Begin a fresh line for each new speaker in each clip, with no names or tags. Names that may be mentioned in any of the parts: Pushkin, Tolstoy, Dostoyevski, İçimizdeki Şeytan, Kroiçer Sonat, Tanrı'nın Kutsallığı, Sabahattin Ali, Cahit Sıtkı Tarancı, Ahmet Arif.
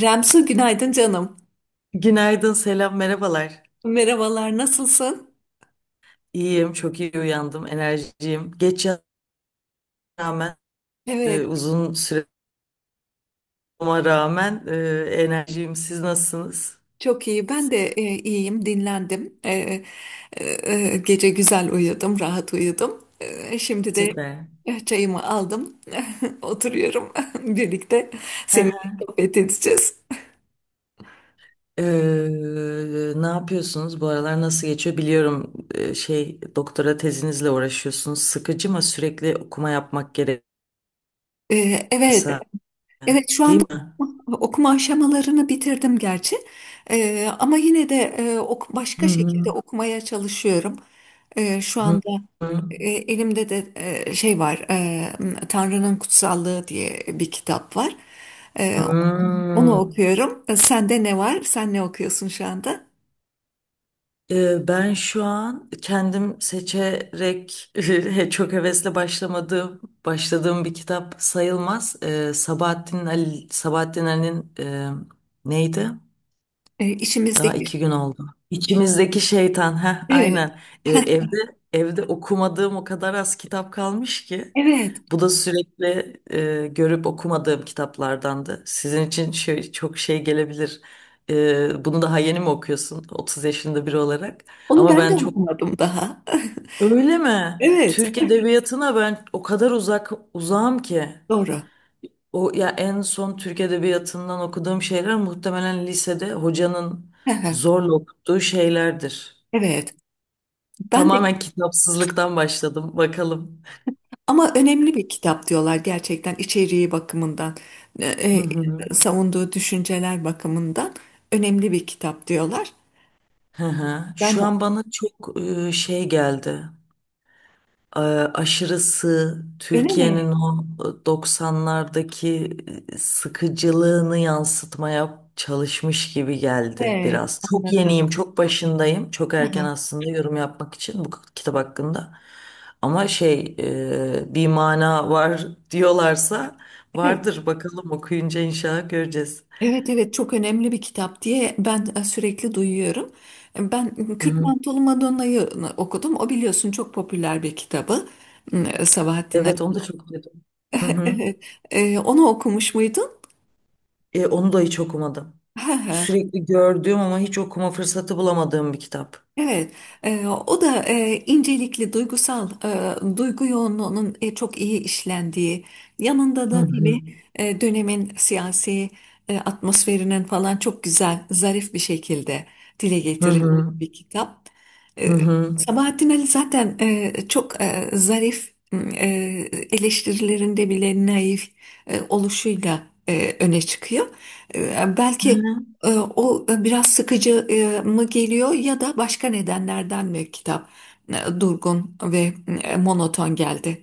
Remsu günaydın canım.
Günaydın, selam, merhabalar.
Merhabalar, nasılsın?
İyiyim, çok iyi uyandım, enerjiyim. Geç yatağa rağmen,
Evet,
uzun süre ama rağmen enerjiyim. Siz nasılsınız?
çok iyi. Ben de iyiyim, dinlendim. E, Gece güzel uyudum, rahat uyudum. Şimdi de
Süper.
çayımı aldım. Oturuyorum birlikte.
Hı
Seninle
hı.
sohbet edeceğiz.
Ee, Ne yapıyorsunuz? Bu aralar nasıl geçiyor? Biliyorum şey doktora tezinizle uğraşıyorsunuz. Sıkıcı mı sürekli okuma yapmak gerekiyor?
Evet, evet, şu
Değil
anda
mi?
okuma aşamalarını bitirdim gerçi. Ama yine de
Hı
başka
hı.
şekilde okumaya çalışıyorum. Şu
Hı
anda
hı.
Elimde de şey var, Tanrı'nın Kutsallığı diye bir kitap var. E, Onu
Hı.
okuyorum. Sende ne var? Sen ne okuyorsun şu anda?
Ben şu an kendim seçerek çok hevesle başladığım bir kitap sayılmaz. Sabahattin Ali'nin neydi? Daha
İçimizdeki...
iki gün oldu. İçimizdeki şeytan. Heh,
Evet,
aynen. Ee, evde evde okumadığım o kadar az kitap kalmış ki.
evet.
Bu da sürekli görüp okumadığım kitaplardandı. Sizin için şey, çok şey gelebilir. Bunu daha yeni mi okuyorsun, 30 yaşında biri olarak?
Onu
Ama
ben de
ben çok...
okumadım daha.
Öyle mi?
Evet,
Türk edebiyatına ben o kadar uzağım ki.
doğru.
O ya en son Türk Edebiyatı'ndan okuduğum şeyler muhtemelen lisede hocanın zorla okuttuğu şeylerdir.
Evet, ben
Tamamen
de,
kitapsızlıktan başladım. Bakalım.
ama önemli bir kitap diyorlar, gerçekten içeriği bakımından, e,
Hı hı.
savunduğu düşünceler bakımından önemli bir kitap diyorlar.
Hı hı.
Ben
Şu an
de.
bana çok şey geldi. e, Aşırısı
Öyle mi?
Türkiye'nin o 90'lardaki sıkıcılığını yansıtmaya çalışmış gibi geldi
Evet,
biraz. Çok
anladım.
yeniyim, çok başındayım. Çok erken aslında yorum yapmak için bu kitap hakkında. Ama şey bir mana var diyorlarsa
Evet,
vardır, bakalım okuyunca inşallah göreceğiz.
evet, evet, çok önemli bir kitap diye ben sürekli duyuyorum. Ben
Hı
Kürt
hı.
Mantolu Madonna'yı okudum. O biliyorsun çok popüler bir kitabı Sabahattin
Evet, onu
Ali.
da çok duydum. Hı hı.
Evet. Onu okumuş muydun?
E, onu da hiç okumadım. Sürekli gördüğüm ama hiç okuma fırsatı bulamadığım bir kitap.
Evet, o da incelikli, duygusal, duygu yoğunluğunun çok iyi işlendiği, yanında
Hı
da tabii
hı.
dönemin siyasi atmosferinin falan çok güzel, zarif bir şekilde dile
Hı
getirildiği
hı.
bir kitap.
Hı
E,
hı.
Sabahattin Ali zaten çok zarif, eleştirilerinde bile naif oluşuyla öne çıkıyor.
Hı
Belki
hı.
e, o biraz sıkıcı mı geliyor, ya da başka nedenlerden mi kitap durgun ve monoton geldi?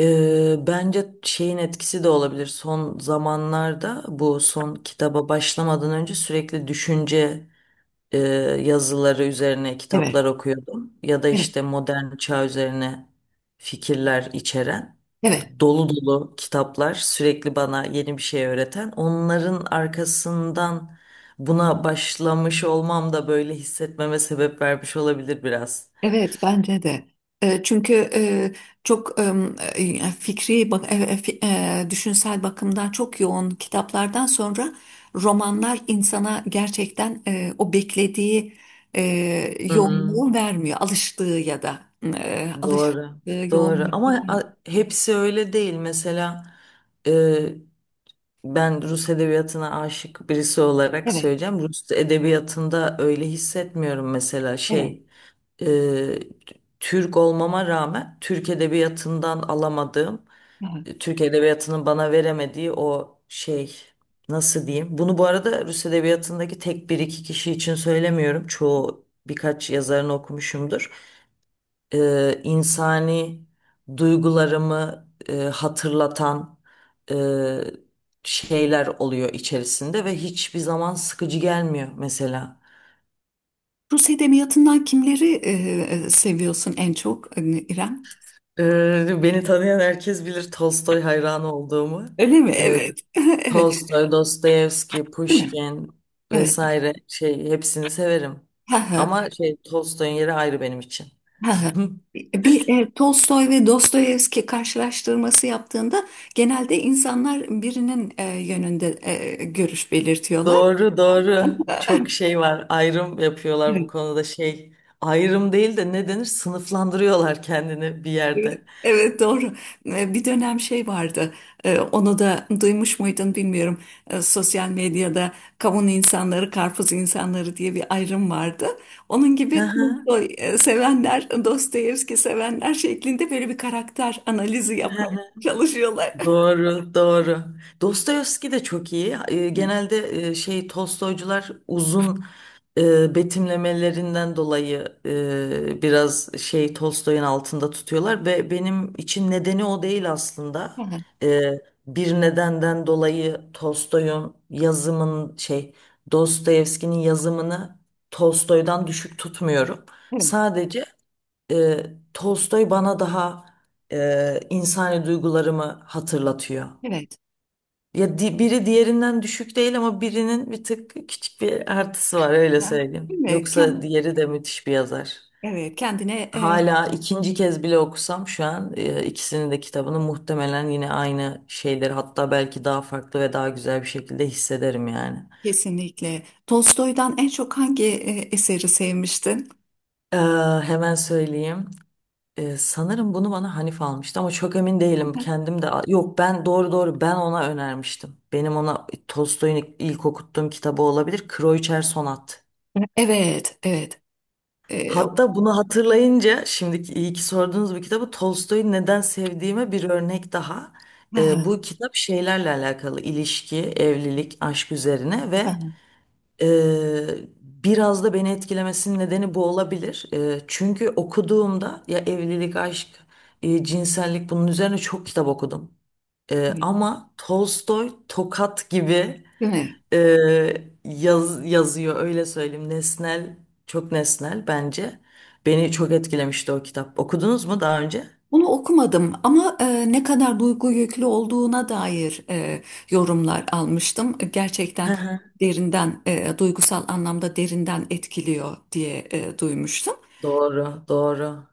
Bence şeyin etkisi de olabilir. Son zamanlarda bu son kitaba başlamadan önce sürekli düşünce e, yazıları üzerine
Evet,
kitaplar okuyordum. Ya da
evet,
işte modern çağ üzerine fikirler içeren
evet,
dolu dolu kitaplar, sürekli bana yeni bir şey öğreten. Onların arkasından buna başlamış olmam da böyle hissetmeme sebep vermiş olabilir biraz.
evet, bence de. Çünkü çok e, fikri, bak- e, e, fi- e, düşünsel bakımdan çok yoğun kitaplardan sonra romanlar insana gerçekten o beklediği e,
Hı hı.
yoğunluğu vermiyor. Alıştığı ya da
Doğru,
alıştığı
doğru.
yoğunluğu.
Ama hepsi öyle değil. Mesela e, ben Rus edebiyatına aşık birisi olarak
Evet,
söyleyeceğim. Rus edebiyatında öyle hissetmiyorum mesela
evet.
şey. e, Türk olmama rağmen Türk edebiyatından alamadığım, Türk edebiyatının bana veremediği o şey, nasıl diyeyim? Bunu bu arada Rus edebiyatındaki tek bir iki kişi için söylemiyorum. Çoğu birkaç yazarını okumuşumdur. İnsani duygularımı hatırlatan e, şeyler oluyor içerisinde ve hiçbir zaman sıkıcı gelmiyor mesela.
Rus edebiyatından kimleri seviyorsun en çok, hani İrem?
E, beni tanıyan herkes bilir Tolstoy hayranı olduğumu.
Öyle mi?
E,
Evet. Evet.
Tolstoy, Dostoyevski,
Değil mi?
Pushkin
Evet.
vesaire, şey hepsini severim.
Ha ha.
Ama şey, Tolstoy'un yeri ayrı benim için.
Ha ha. Bir Tolstoy ve Dostoyevski karşılaştırması yaptığında genelde insanlar birinin yönünde görüş belirtiyorlar.
Doğru, doğru. Çok şey var. Ayrım yapıyorlar bu konuda şey. Ayrım değil de ne denir? Sınıflandırıyorlar kendini bir
Evet,
yerde.
evet, doğru. Bir dönem şey vardı. Onu da duymuş muydun bilmiyorum. Sosyal medyada kavun insanları, karpuz insanları diye bir ayrım vardı. Onun
Hı
gibi
hı.
Tolstoy sevenler, Dostoyevski sevenler şeklinde böyle bir karakter analizi yapmaya çalışıyorlar.
Doğru, doğru. Dostoyevski de çok iyi.
Evet,
Genelde şey Tolstoycular uzun betimlemelerinden dolayı biraz şey Tolstoy'un altında tutuyorlar ve benim için nedeni o değil aslında.
aha,
E, Bir nedenden dolayı Tolstoy'un yazımın şey, Dostoyevski'nin yazımını Tolstoy'dan düşük tutmuyorum.
evet,
Sadece e, Tolstoy bana daha insani duygularımı hatırlatıyor.
evet.
Ya biri diğerinden düşük değil ama birinin bir tık küçük bir artısı var, öyle
Ha,
söyleyeyim.
evet,
Yoksa diğeri de müthiş bir yazar.
evet, kendine
Hala ikinci kez bile okusam şu an ikisinin de kitabını muhtemelen yine aynı şeyleri, hatta belki daha farklı ve daha güzel bir şekilde hissederim yani.
kesinlikle. Tolstoy'dan en çok hangi eseri sevmiştin?
Ee, hemen söyleyeyim. Sanırım bunu bana Hanif almıştı ama çok emin değilim. Kendim de yok, ben doğru doğru ben ona önermiştim. Benim ona Tolstoy'un ilk okuttuğum kitabı olabilir. Kroiçer Sonat.
Evet, evet. E,
Hatta bunu hatırlayınca şimdiki iyi ki sorduğunuz bu kitabı, Tolstoy'u neden sevdiğime bir örnek daha. Bu kitap şeylerle alakalı: ilişki, evlilik, aşk üzerine ve
Ha,
Biraz da beni etkilemesinin nedeni bu olabilir. Çünkü okuduğumda ya evlilik, aşk, cinsellik, bunun üzerine çok kitap okudum.
evet.
Ama Tolstoy tokat gibi
Evet.
yazıyor, öyle söyleyeyim. Nesnel, çok nesnel bence. Beni çok etkilemişti o kitap. Okudunuz mu daha önce?
Bunu okumadım ama ne kadar duygu yüklü olduğuna dair yorumlar almıştım.
Hı
Gerçekten
hı.
derinden, duygusal anlamda derinden etkiliyor diye duymuştum.
Doğru, doğru.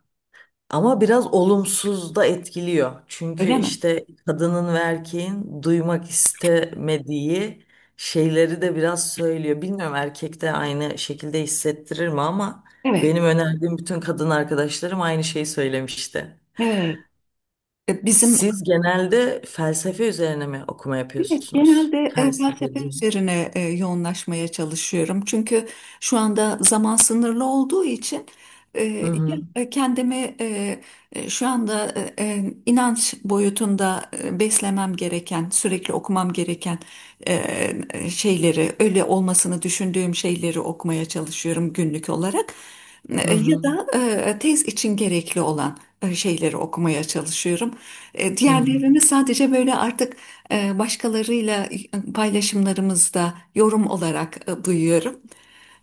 Ama biraz olumsuz da etkiliyor. Çünkü
Öyle mi?
işte kadının ve erkeğin duymak istemediği şeyleri de biraz söylüyor. Bilmiyorum erkek de aynı şekilde hissettirir mi ama
Evet,
benim önerdiğim bütün kadın arkadaşlarım aynı şeyi söylemişti.
evet. E, Bizim
Siz genelde felsefe üzerine mi okuma
Evet,
yapıyorsunuz?
genelde
Felsefe,
felsefe
din.
üzerine yoğunlaşmaya çalışıyorum. Çünkü şu anda zaman sınırlı olduğu için e,
Hı hı.
kendimi şu anda inanç boyutunda beslemem gereken, sürekli okumam gereken e, şeyleri, öyle olmasını düşündüğüm şeyleri okumaya çalışıyorum günlük olarak.
Hı
Ya
hı.
da tez için gerekli olan şeyleri okumaya çalışıyorum.
Hı hı.
Diğerlerini sadece böyle artık başkalarıyla paylaşımlarımızda yorum olarak duyuyorum.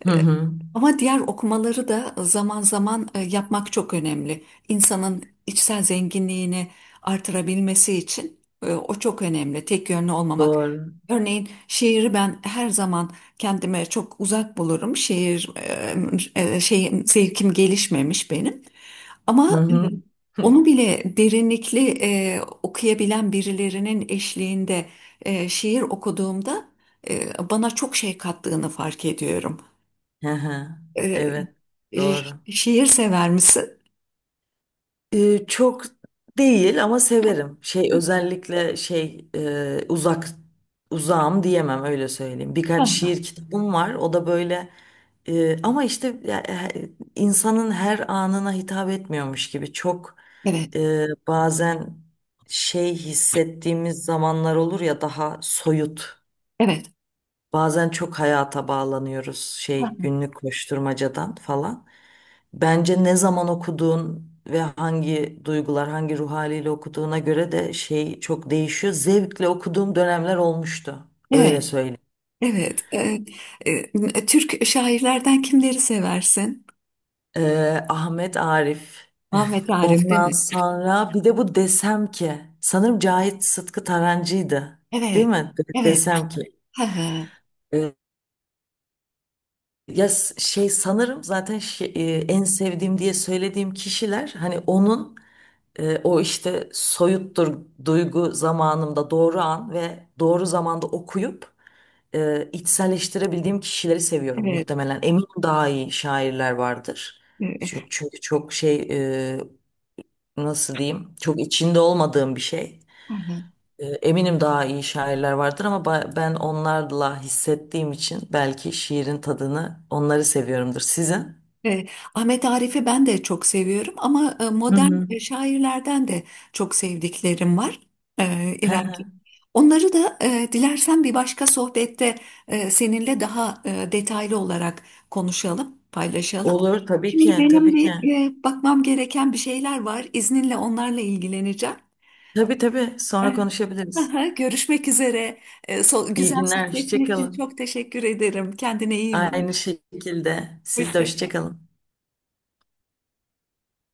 Hı hı.
Ama diğer okumaları da zaman zaman yapmak çok önemli. İnsanın içsel zenginliğini artırabilmesi için o çok önemli. Tek yönlü olmamak.
Doğru.
Örneğin şiiri ben her zaman kendime çok uzak bulurum. Şiir şeyim, zevkim gelişmemiş benim.
Hı
Ama
hı.
onu bile derinlikli okuyabilen birilerinin eşliğinde şiir okuduğumda bana çok şey kattığını fark ediyorum.
Hı hı.
E,
Evet,
e,
doğru.
Şiir sever misin?
Çok değil ama severim. Şey, özellikle şey e, uzak uzağım diyemem, öyle söyleyeyim. Birkaç
Ha,
şiir kitabım var. O da böyle ama işte ya, insanın her anına hitap etmiyormuş gibi çok
evet,
bazen şey hissettiğimiz zamanlar olur ya, daha soyut.
evet,
Bazen çok hayata bağlanıyoruz şey,
ha,
günlük koşturmacadan falan. Bence ne zaman okuduğun ve hangi duygular, hangi ruh haliyle okuduğuna göre de şey çok değişiyor. Zevkle okuduğum dönemler olmuştu. Öyle
evet,
söyleyeyim.
evet. Türk şairlerden kimleri seversin?
Ahmet Arif.
Ahmet Arif, değil
Ondan
mi?
sonra bir de bu desem ki sanırım Cahit Sıtkı Tarancı'ydı. Değil
Evet,
mi?
evet,
Desem ki.
ha, ha,
e, Ya şey sanırım zaten en sevdiğim diye söylediğim kişiler hani onun o işte soyuttur, duygu zamanımda doğru an ve doğru zamanda okuyup içselleştirebildiğim kişileri seviyorum
evet.
muhtemelen. Eminim daha iyi şairler vardır.
E,
Çünkü çok şey, e, nasıl diyeyim, çok içinde olmadığım bir şey. E, eminim daha iyi şairler vardır ama ben onlarla hissettiğim için belki şiirin tadını onları seviyorumdur. Sizin?
E, Ahmet Arif'i ben de çok seviyorum ama
Hı
modern
hı.
şairlerden de çok sevdiklerim var,
Hı hı.
İremciğim. Onları da dilersen bir başka sohbette seninle daha detaylı olarak konuşalım, paylaşalım.
Olur tabii ki,
Şimdi benim
tabii ki.
bir bakmam gereken bir şeyler var. İzninle onlarla ilgileneceğim.
Tabii tabii, sonra
Evet.
konuşabiliriz.
Aha, görüşmek üzere.
İyi
Güzel
günler, hoşça
sohbetin için
kalın.
çok teşekkür ederim. Kendine iyi bak.
Aynı şekilde siz de
Hoşça
hoşça
kal.
kalın.